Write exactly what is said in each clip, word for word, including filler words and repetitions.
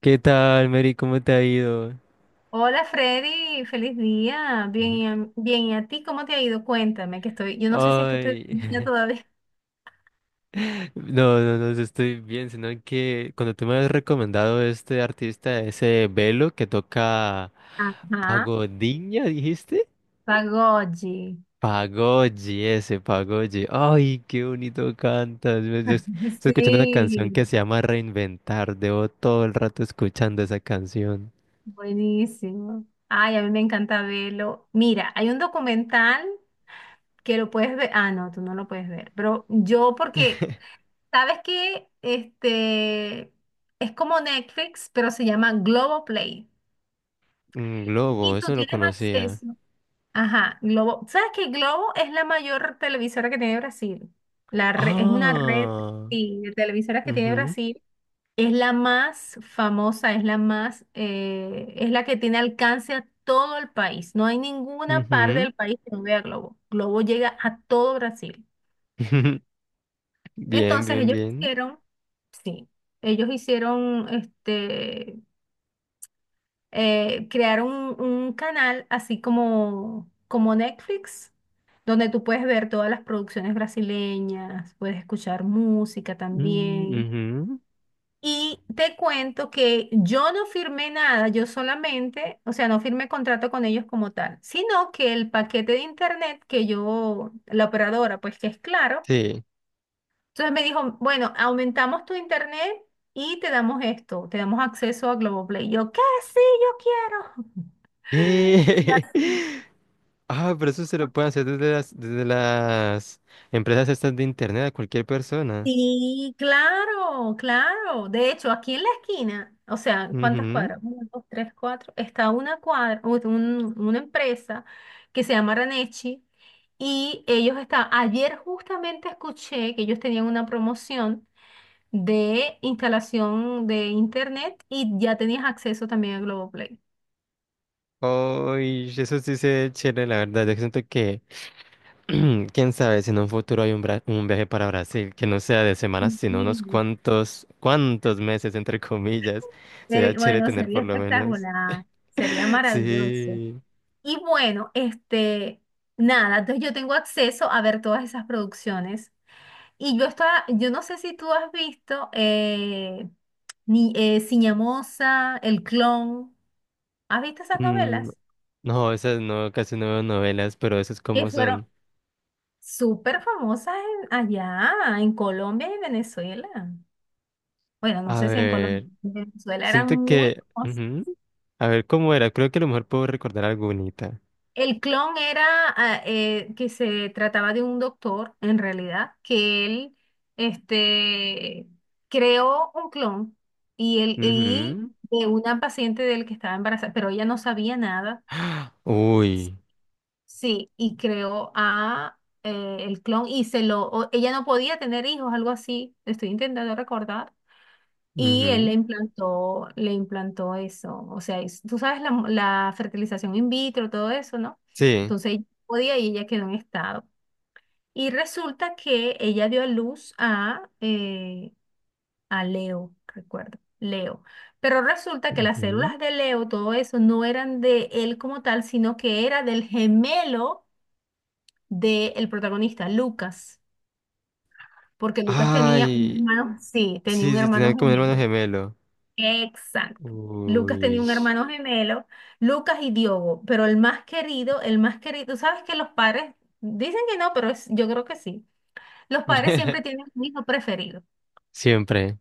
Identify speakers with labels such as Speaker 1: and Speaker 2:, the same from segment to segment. Speaker 1: ¿Qué tal, Mary? ¿Cómo te ha ido?
Speaker 2: Hola Freddy, feliz día. Bien,
Speaker 1: Ujú.
Speaker 2: y a- bien, ¿y a ti cómo te ha ido? Cuéntame, que estoy, yo no sé si es que estoy
Speaker 1: Ay,
Speaker 2: dormida todavía.
Speaker 1: no, no, no, yo estoy bien, sino que cuando tú me has recomendado este artista, ese Velo que toca
Speaker 2: Ajá,
Speaker 1: Pagodiña, ¿dijiste?
Speaker 2: Pagochi.
Speaker 1: Pagodi, ese Pagodi. Ay, qué bonito cantas. Me- yo Estoy escuchando una canción
Speaker 2: Sí,
Speaker 1: que se llama Reinventar. Debo todo el rato escuchando esa canción.
Speaker 2: buenísimo. Ay, a mí me encanta verlo. Mira, hay un documental que lo puedes ver. Ah, no, tú no lo puedes ver. Pero yo, porque, ¿sabes qué? Este es como Netflix, pero se llama Globoplay.
Speaker 1: Mm, Globo,
Speaker 2: Y tú
Speaker 1: eso no
Speaker 2: tienes
Speaker 1: conocía.
Speaker 2: acceso. Ajá, Globo. ¿Sabes que Globo es la mayor televisora que tiene Brasil? La re- es una red,
Speaker 1: Ah,
Speaker 2: sí, de televisoras que tiene
Speaker 1: mhm,
Speaker 2: Brasil. Es la más famosa, es la más, eh, es la que tiene alcance a todo el país. No hay ninguna parte
Speaker 1: mhm.
Speaker 2: del país que no vea Globo. Globo llega a todo Brasil.
Speaker 1: Bien,
Speaker 2: Entonces
Speaker 1: bien,
Speaker 2: ellos
Speaker 1: bien.
Speaker 2: hicieron, sí, ellos hicieron este. Eh, crearon un, un canal así como, como Netflix, donde tú puedes ver todas las producciones brasileñas, puedes escuchar música
Speaker 1: Mm,
Speaker 2: también.
Speaker 1: ujú,
Speaker 2: Y te cuento que yo no firmé nada, yo solamente, o sea, no firmé contrato con ellos como tal, sino que el paquete de internet que yo, la operadora, pues que es claro,
Speaker 1: sí.
Speaker 2: entonces me dijo, bueno, aumentamos tu internet y te damos esto, te damos acceso a Globoplay. Yo, ¿qué? Sí, yo quiero. Y
Speaker 1: ¿Qué?
Speaker 2: así.
Speaker 1: Ah, pero eso se lo pueden hacer desde las, desde las empresas estas de internet a cualquier persona.
Speaker 2: Sí, claro, claro. De hecho, aquí en la esquina, o sea, ¿cuántas
Speaker 1: Ujú.
Speaker 2: cuadras? Uno, dos, tres, cuatro. Está una cuadra, un- un- una empresa que se llama Ranechi y ellos están, ayer justamente escuché que ellos tenían una promoción de instalación de internet y ya tenías acceso también a Globoplay.
Speaker 1: Ay, eso sí se ve chévere, la verdad. Yo siento que, quién sabe, si en un futuro hay un, bra- un viaje para Brasil, que no sea de semanas,
Speaker 2: Sí,
Speaker 1: sino unos
Speaker 2: sí.
Speaker 1: cuantos, cuantos meses, entre comillas. Sería
Speaker 2: Pero,
Speaker 1: chévere
Speaker 2: bueno,
Speaker 1: tener
Speaker 2: sería
Speaker 1: por lo menos.
Speaker 2: espectacular, sería maravilloso.
Speaker 1: Sí.
Speaker 2: Y bueno, este, nada, entonces yo tengo acceso a ver todas esas producciones. Y yo estaba, yo no sé si tú has visto eh, ni, eh, Ciñamosa, El Clon. ¿Has visto esas
Speaker 1: Mm,
Speaker 2: novelas?
Speaker 1: no, esas no, casi no veo novelas, pero esas
Speaker 2: Que
Speaker 1: cómo
Speaker 2: fueron
Speaker 1: son.
Speaker 2: súper famosas en- allá, en Colombia y Venezuela. Bueno, no
Speaker 1: A
Speaker 2: sé si en Colombia,
Speaker 1: ver,
Speaker 2: en Venezuela
Speaker 1: siento
Speaker 2: eran muy
Speaker 1: que...
Speaker 2: famosas.
Speaker 1: ujú. A ver, ¿cómo era? Creo que a lo mejor puedo recordar alguna.
Speaker 2: El clon era ah, eh, que se trataba de un doctor, en realidad, que él este, creó un clon y, él, y de una paciente de él que estaba embarazada, pero ella no sabía nada,
Speaker 1: Uy.
Speaker 2: sí, y creó a eh, el clon y se lo, o- ella no podía tener hijos, algo así, estoy intentando recordar, y él le
Speaker 1: Ujú,
Speaker 2: implantó, le implantó eso. O sea, es- tú sabes la, mo- la fertilización in vitro, todo eso, ¿no?
Speaker 1: sí.
Speaker 2: Entonces ella podía y ella quedó en estado. Y resulta que ella dio a luz a, eh, a Leo, recuerdo, Leo. Pero resulta que las
Speaker 1: Ujú.
Speaker 2: células de Leo, todo eso, no eran de él como tal, sino que era del gemelo del protagonista, Lucas. Porque Lucas tenía un
Speaker 1: Ay,
Speaker 2: hermano, sí, tenía un
Speaker 1: sí, sí,
Speaker 2: hermano
Speaker 1: tenía como un hermano
Speaker 2: gemelo.
Speaker 1: gemelo.
Speaker 2: Exacto. Lucas tenía
Speaker 1: Uy.
Speaker 2: un hermano gemelo, Lucas y Diogo, pero el más querido, el más querido, tú sabes que los padres dicen que no, pero es- yo creo que sí. Los padres siempre tienen un hijo preferido.
Speaker 1: Siempre.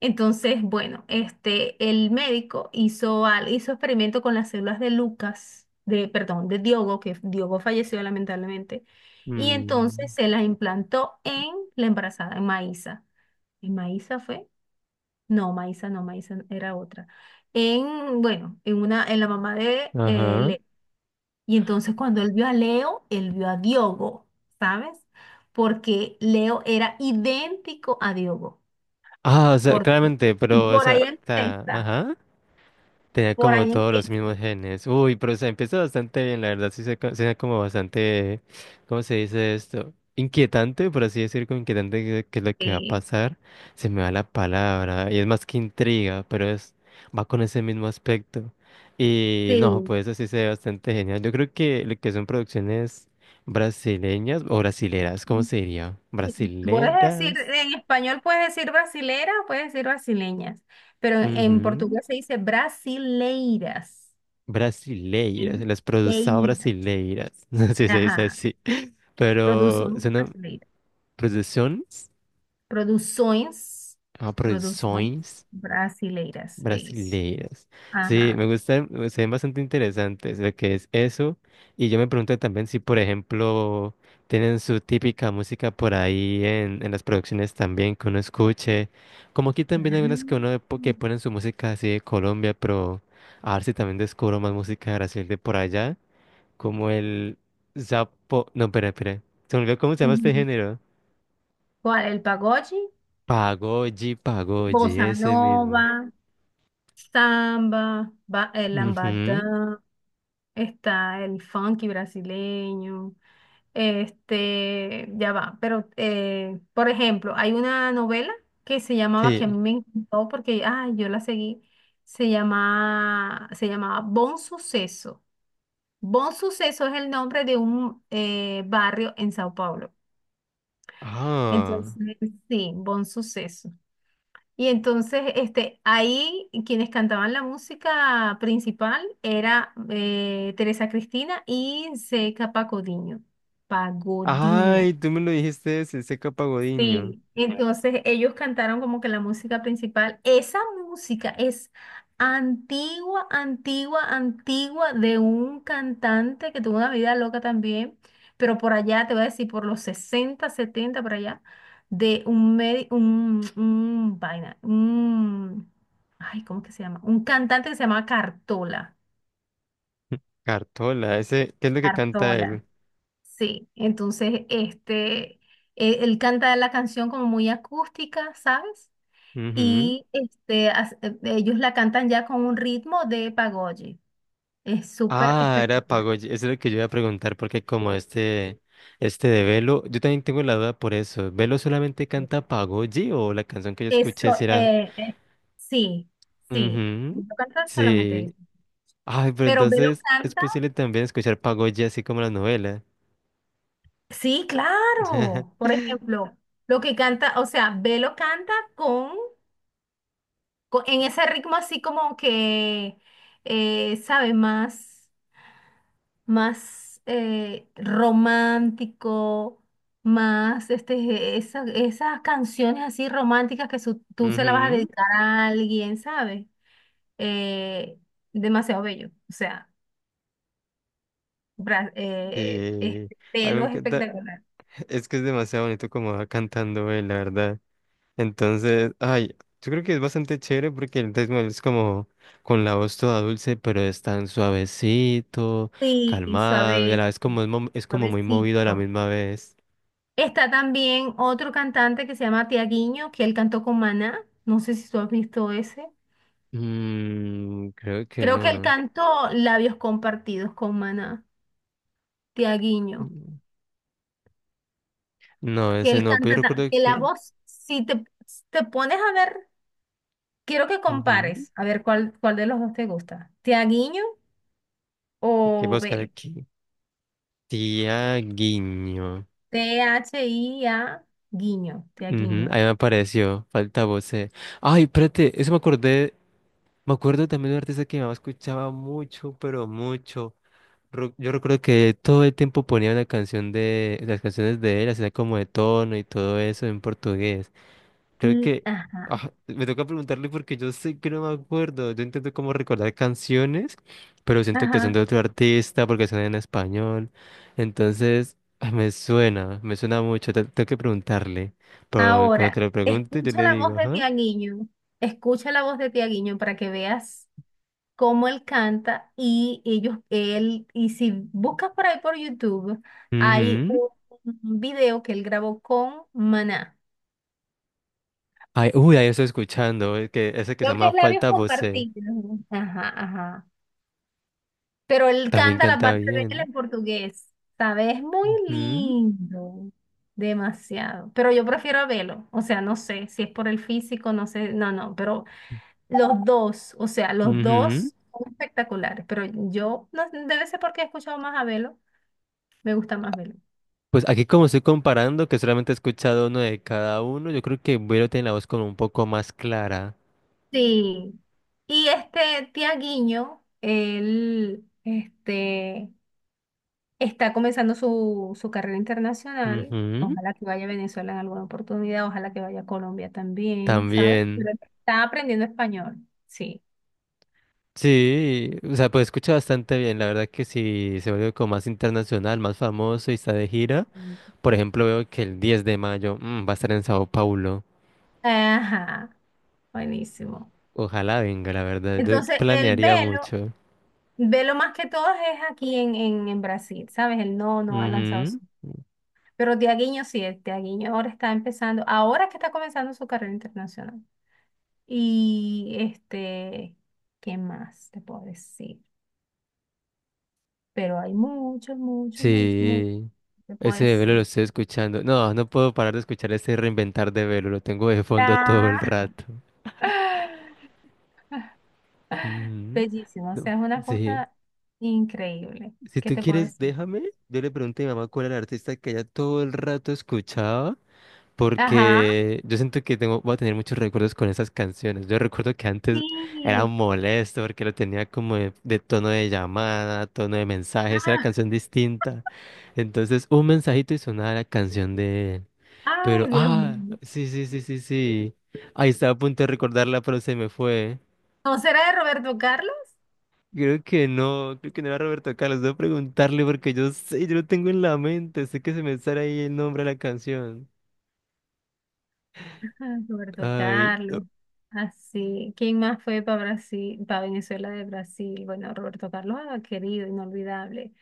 Speaker 2: Entonces, bueno, este, el médico hizo, al- hizo experimento con las células de Lucas, de, perdón, de Diogo, que Diogo falleció lamentablemente, y entonces
Speaker 1: Mm,
Speaker 2: se las implantó en la embarazada, en Maísa. ¿En Maísa fue? No, Maisa, no, Maisa era otra. En, bueno, en una, en la mamá de eh,
Speaker 1: ajá.
Speaker 2: Leo. Y entonces cuando él vio a Leo, él vio a Diogo, ¿sabes? Porque Leo era idéntico a Diogo.
Speaker 1: Ah, o sea,
Speaker 2: Por,
Speaker 1: claramente,
Speaker 2: y
Speaker 1: pero, o
Speaker 2: por ahí
Speaker 1: sea, ta-
Speaker 2: empieza,
Speaker 1: ajá. Tenía
Speaker 2: por
Speaker 1: como
Speaker 2: ahí
Speaker 1: todos los
Speaker 2: empieza.
Speaker 1: mismos genes. Uy, pero se empezó bastante bien, la verdad. Sí, se co- se era como bastante, ¿cómo se dice esto? Inquietante, por así decir, como inquietante que, que lo que va a
Speaker 2: Sí,
Speaker 1: pasar. Se me va la palabra. Y es más que intriga, pero es, va con ese mismo aspecto. Y no,
Speaker 2: sí.
Speaker 1: pues eso sí se ve bastante genial. Yo creo que lo que son producciones brasileñas o brasileras, ¿cómo se diría?
Speaker 2: Puedes decir,
Speaker 1: Brasileras.
Speaker 2: en español puedes decir brasilera, puedes decir brasileñas, pero en
Speaker 1: Ujú.
Speaker 2: portugués se dice brasileiras.
Speaker 1: Brasileiras, las produzao
Speaker 2: Brasileiras.
Speaker 1: brasileiras, no si se dice
Speaker 2: Ajá.
Speaker 1: así. Pero
Speaker 2: Produções
Speaker 1: son
Speaker 2: brasileiras.
Speaker 1: producciones,
Speaker 2: Produções,
Speaker 1: ah,
Speaker 2: produções
Speaker 1: produções
Speaker 2: brasileiras, é isso.
Speaker 1: brasileiras. Sí,
Speaker 2: Ajá.
Speaker 1: me gustan, se ven bastante interesantes lo que es eso. Y yo me pregunto también si, por ejemplo, tienen su típica música por ahí en, en las producciones también que uno escuche. Como aquí también hay unas que uno po- que ponen su música así de Colombia, pero a ver si también descubro más música de Brasil de por allá, como el Zapo, no, espera, espera. Se me olvidó cómo se llama este
Speaker 2: Uhum.
Speaker 1: género.
Speaker 2: Qual é pagode?
Speaker 1: Pagoji, Pagoji,
Speaker 2: Bossa
Speaker 1: ese mismo.
Speaker 2: nova, samba, ba- el
Speaker 1: Ujú,
Speaker 2: lambadán, está el funky brasileño, este, ya va, pero eh, por ejemplo, hay una novela que se llamaba, que a
Speaker 1: sí.
Speaker 2: mí me encantó porque, ay, yo la seguí, se llama, se llamaba Bon Suceso. Bon Suceso es el nombre de un eh, barrio en Sao Paulo.
Speaker 1: Ah.
Speaker 2: Entonces, sí, Bon Suceso. Y entonces, este, ahí quienes cantaban la música principal era eh, Teresa Cristina y Zeca Pagodinho. Pagodinho.
Speaker 1: Ay, tú me lo dijiste ese, Seca Pagodiño.
Speaker 2: Sí, entonces ellos cantaron como que la música principal, esa música es antigua, antigua, antigua de un cantante que tuvo una vida loca también, pero por allá, te voy a decir, por los sesenta, setenta por allá, de un, medi- un, un vaina, un, ay, ¿cómo que se llama? Un cantante que se llama Cartola.
Speaker 1: Cartola, ese, ¿qué es lo que canta él?
Speaker 2: Cartola, sí. Entonces, este, e- él canta la canción como muy acústica, ¿sabes?
Speaker 1: Ujú.
Speaker 2: Y este, as- eh, ellos la cantan ya con un ritmo de pagode. Es súper
Speaker 1: Ah, era
Speaker 2: espectacular.
Speaker 1: Pagoji, eso es lo que yo iba a preguntar, porque como este, este de Velo, yo también tengo la duda por eso. ¿Velo solamente canta Pagoji o la canción que yo escuché
Speaker 2: Eso,
Speaker 1: si era...
Speaker 2: eh, eh, sí, sí.
Speaker 1: Ujú,
Speaker 2: Velo cantar solamente
Speaker 1: sí.
Speaker 2: eso.
Speaker 1: Ay, pero
Speaker 2: Pero Velo
Speaker 1: entonces es
Speaker 2: canta,
Speaker 1: posible también escuchar Pagoji así como la novela.
Speaker 2: sí, claro. Por ejemplo, lo que canta, o sea, Velo canta con, con- en ese ritmo así como que, eh, sabe más. Más eh, romántico, más este, esa- esas canciones así románticas que su- tú se las vas a
Speaker 1: Ujú,
Speaker 2: dedicar a alguien, ¿sabes? Eh, demasiado bello, o sea, bra- eh,
Speaker 1: sí,
Speaker 2: este
Speaker 1: a mí me
Speaker 2: pelo es
Speaker 1: encanta,
Speaker 2: espectacular.
Speaker 1: es que es demasiado bonito como va cantando él, la verdad. Entonces, ay, yo creo que es bastante chévere porque el ritmo de él es como con la voz toda dulce, pero es tan suavecito,
Speaker 2: Sí,
Speaker 1: calmado y a
Speaker 2: suave,
Speaker 1: la vez como es, mo- es como muy movido a la
Speaker 2: suavecito.
Speaker 1: misma vez.
Speaker 2: Está también otro cantante que se llama Tiaguinho, que él cantó con Maná, no sé si tú has visto ese.
Speaker 1: Mm, creo que
Speaker 2: Creo que él
Speaker 1: no.
Speaker 2: cantó Labios Compartidos con Maná, Tiaguinho.
Speaker 1: Mm, no,
Speaker 2: Que
Speaker 1: ese
Speaker 2: él
Speaker 1: no, pero yo
Speaker 2: canta, ta-
Speaker 1: recuerdo
Speaker 2: que la
Speaker 1: que...
Speaker 2: voz, si te, si te pones a ver, quiero que
Speaker 1: ujú.
Speaker 2: compares, a ver cuál, cuál de los dos te gusta, Tiaguiño
Speaker 1: Ok, voy a
Speaker 2: o
Speaker 1: buscar
Speaker 2: Velo,
Speaker 1: aquí. Tiaguinho.
Speaker 2: T H I A, Guiño,
Speaker 1: Ujú,
Speaker 2: Tiaguiño.
Speaker 1: ahí me apareció, falta voce. Ay, espérate, eso me acordé, me acuerdo también de un artista que mi mamá escuchaba mucho, pero mucho. Ro- Yo recuerdo que todo el tiempo ponía una canción de, las canciones de él, hacía como de tono y todo eso en portugués. Creo
Speaker 2: Mm,
Speaker 1: que
Speaker 2: ajá,
Speaker 1: ah, me toca preguntarle porque yo sé que no me acuerdo. Yo intento como recordar canciones, pero siento que son de
Speaker 2: ajá.
Speaker 1: otro artista porque son en español. Entonces, ah, me suena, me suena mucho. te- Tengo que preguntarle. Pero cuando te
Speaker 2: Ahora,
Speaker 1: lo pregunte, yo
Speaker 2: escucha
Speaker 1: le
Speaker 2: la voz
Speaker 1: digo,
Speaker 2: de
Speaker 1: ajá.
Speaker 2: Tiaguiño, escucha la voz de Tiaguiño para que veas cómo él canta y ellos, él, y si buscas por ahí por YouTube, hay
Speaker 1: Ujú.
Speaker 2: un un video que él grabó con Maná.
Speaker 1: Ay, uy, ahí estoy escuchando. eh, Que ese que se
Speaker 2: Creo que
Speaker 1: llama
Speaker 2: es labios
Speaker 1: Falta Voce.
Speaker 2: compartidos. Ajá, ajá. Pero él
Speaker 1: También
Speaker 2: canta la
Speaker 1: canta
Speaker 2: parte de él
Speaker 1: bien.
Speaker 2: en portugués, ¿sabes? Es muy
Speaker 1: Ujú,
Speaker 2: lindo, demasiado. Pero yo prefiero a Velo, o sea, no sé si es por el físico, no sé, no, no, pero los dos, o sea, los
Speaker 1: ujú.
Speaker 2: dos son espectaculares, pero yo, no, debe ser porque he escuchado más a Velo, me gusta más Velo.
Speaker 1: Pues aquí como estoy comparando, que solamente he escuchado uno de cada uno, yo creo que Vero tiene la voz como un poco más clara.
Speaker 2: Sí. Y este Tiaguinho, él, este... está comenzando su, su carrera internacional.
Speaker 1: Ujú,
Speaker 2: Ojalá que vaya a Venezuela en alguna oportunidad, ojalá que vaya a Colombia también, ¿sabes?
Speaker 1: también.
Speaker 2: Pero está aprendiendo español, sí.
Speaker 1: Sí, o sea, pues escucha bastante bien. La verdad que sí se vuelve como más internacional, más famoso y está de gira.
Speaker 2: Mm.
Speaker 1: Por ejemplo, veo que el diez de mayo mm, va a estar en Sao Paulo.
Speaker 2: Ajá, buenísimo.
Speaker 1: Ojalá venga, la verdad. Yo
Speaker 2: Entonces, el
Speaker 1: planearía
Speaker 2: velo,
Speaker 1: mucho.
Speaker 2: velo más que todo es aquí en, en, en Brasil, ¿sabes? Él no, no ha lanzado su...
Speaker 1: Ujú,
Speaker 2: Pero Tiaguinho sí, el Tiaguinho ahora está empezando, ahora es que está comenzando su carrera internacional. Y este, ¿qué más te puedo decir? Pero hay mucho, mucho, mucho, mucho,
Speaker 1: sí.
Speaker 2: te puedo
Speaker 1: Ese de Velo lo
Speaker 2: decir.
Speaker 1: estoy escuchando. No, no puedo parar de escuchar ese Reinventar de Velo. Lo tengo de fondo todo el
Speaker 2: Ah.
Speaker 1: rato. Ujú,
Speaker 2: Bellísimo, o
Speaker 1: no,
Speaker 2: sea, es una
Speaker 1: sí.
Speaker 2: cosa increíble.
Speaker 1: Si
Speaker 2: ¿Qué
Speaker 1: tú
Speaker 2: te puedo
Speaker 1: quieres,
Speaker 2: decir?
Speaker 1: déjame. Yo le pregunté a mi mamá cuál era el artista que ella todo el rato escuchaba,
Speaker 2: Ajá,
Speaker 1: porque yo siento que tengo, voy a tener muchos recuerdos con esas canciones. Yo recuerdo que antes era
Speaker 2: sí.
Speaker 1: molesto porque lo tenía como de, de tono de llamada, tono de mensajes, era
Speaker 2: Ah,
Speaker 1: canción distinta. Entonces, un mensajito y sonaba la canción de él. Pero,
Speaker 2: ay, Dios
Speaker 1: ah,
Speaker 2: mío.
Speaker 1: sí, sí, sí, sí, sí. Ahí estaba a punto de recordarla, pero se me fue.
Speaker 2: ¿No será de Roberto Carlos?
Speaker 1: Creo que no, creo que no era Roberto Carlos. Debo preguntarle porque yo sé, yo lo tengo en la mente. Sé que se me sale ahí el nombre de la canción.
Speaker 2: Ah, Roberto
Speaker 1: Ay.
Speaker 2: Carlos. Así. ¿Quién más fue para Brasil, para Venezuela de Brasil? Bueno, Roberto Carlos, ah, querido, inolvidable.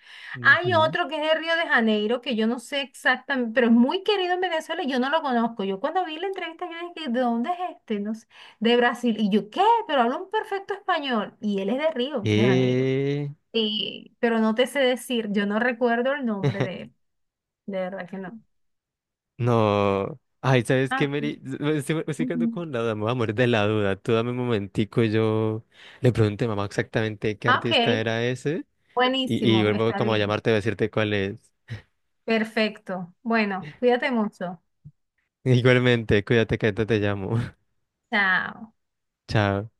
Speaker 2: Hay
Speaker 1: Ujú.
Speaker 2: otro que es de Río de Janeiro, que yo no sé exactamente, pero es muy querido en Venezuela y yo no lo conozco. Yo cuando vi la entrevista, yo dije, ¿de dónde es este? No sé, de Brasil. Y yo, ¿qué? Pero habla un perfecto español. Y él es de Río de Janeiro.
Speaker 1: Eh.
Speaker 2: Y, pero no te sé decir, yo no recuerdo el nombre de él. De verdad que no.
Speaker 1: No. Ay, ¿sabes qué,
Speaker 2: Ah, sí.
Speaker 1: Mary? Me estoy, me estoy quedando
Speaker 2: Ujú.
Speaker 1: con la duda. Me voy a morir de la duda. Tú dame un momentico, y yo le pregunté a mamá exactamente qué
Speaker 2: Ah,
Speaker 1: artista
Speaker 2: ok,
Speaker 1: era ese. Y, y
Speaker 2: buenísimo,
Speaker 1: vuelvo
Speaker 2: está
Speaker 1: como a
Speaker 2: bien.
Speaker 1: llamarte a decirte cuál es.
Speaker 2: Perfecto. Bueno, cuídate mucho.
Speaker 1: Igualmente, cuídate que ahorita te llamo.
Speaker 2: Chao.
Speaker 1: Chao.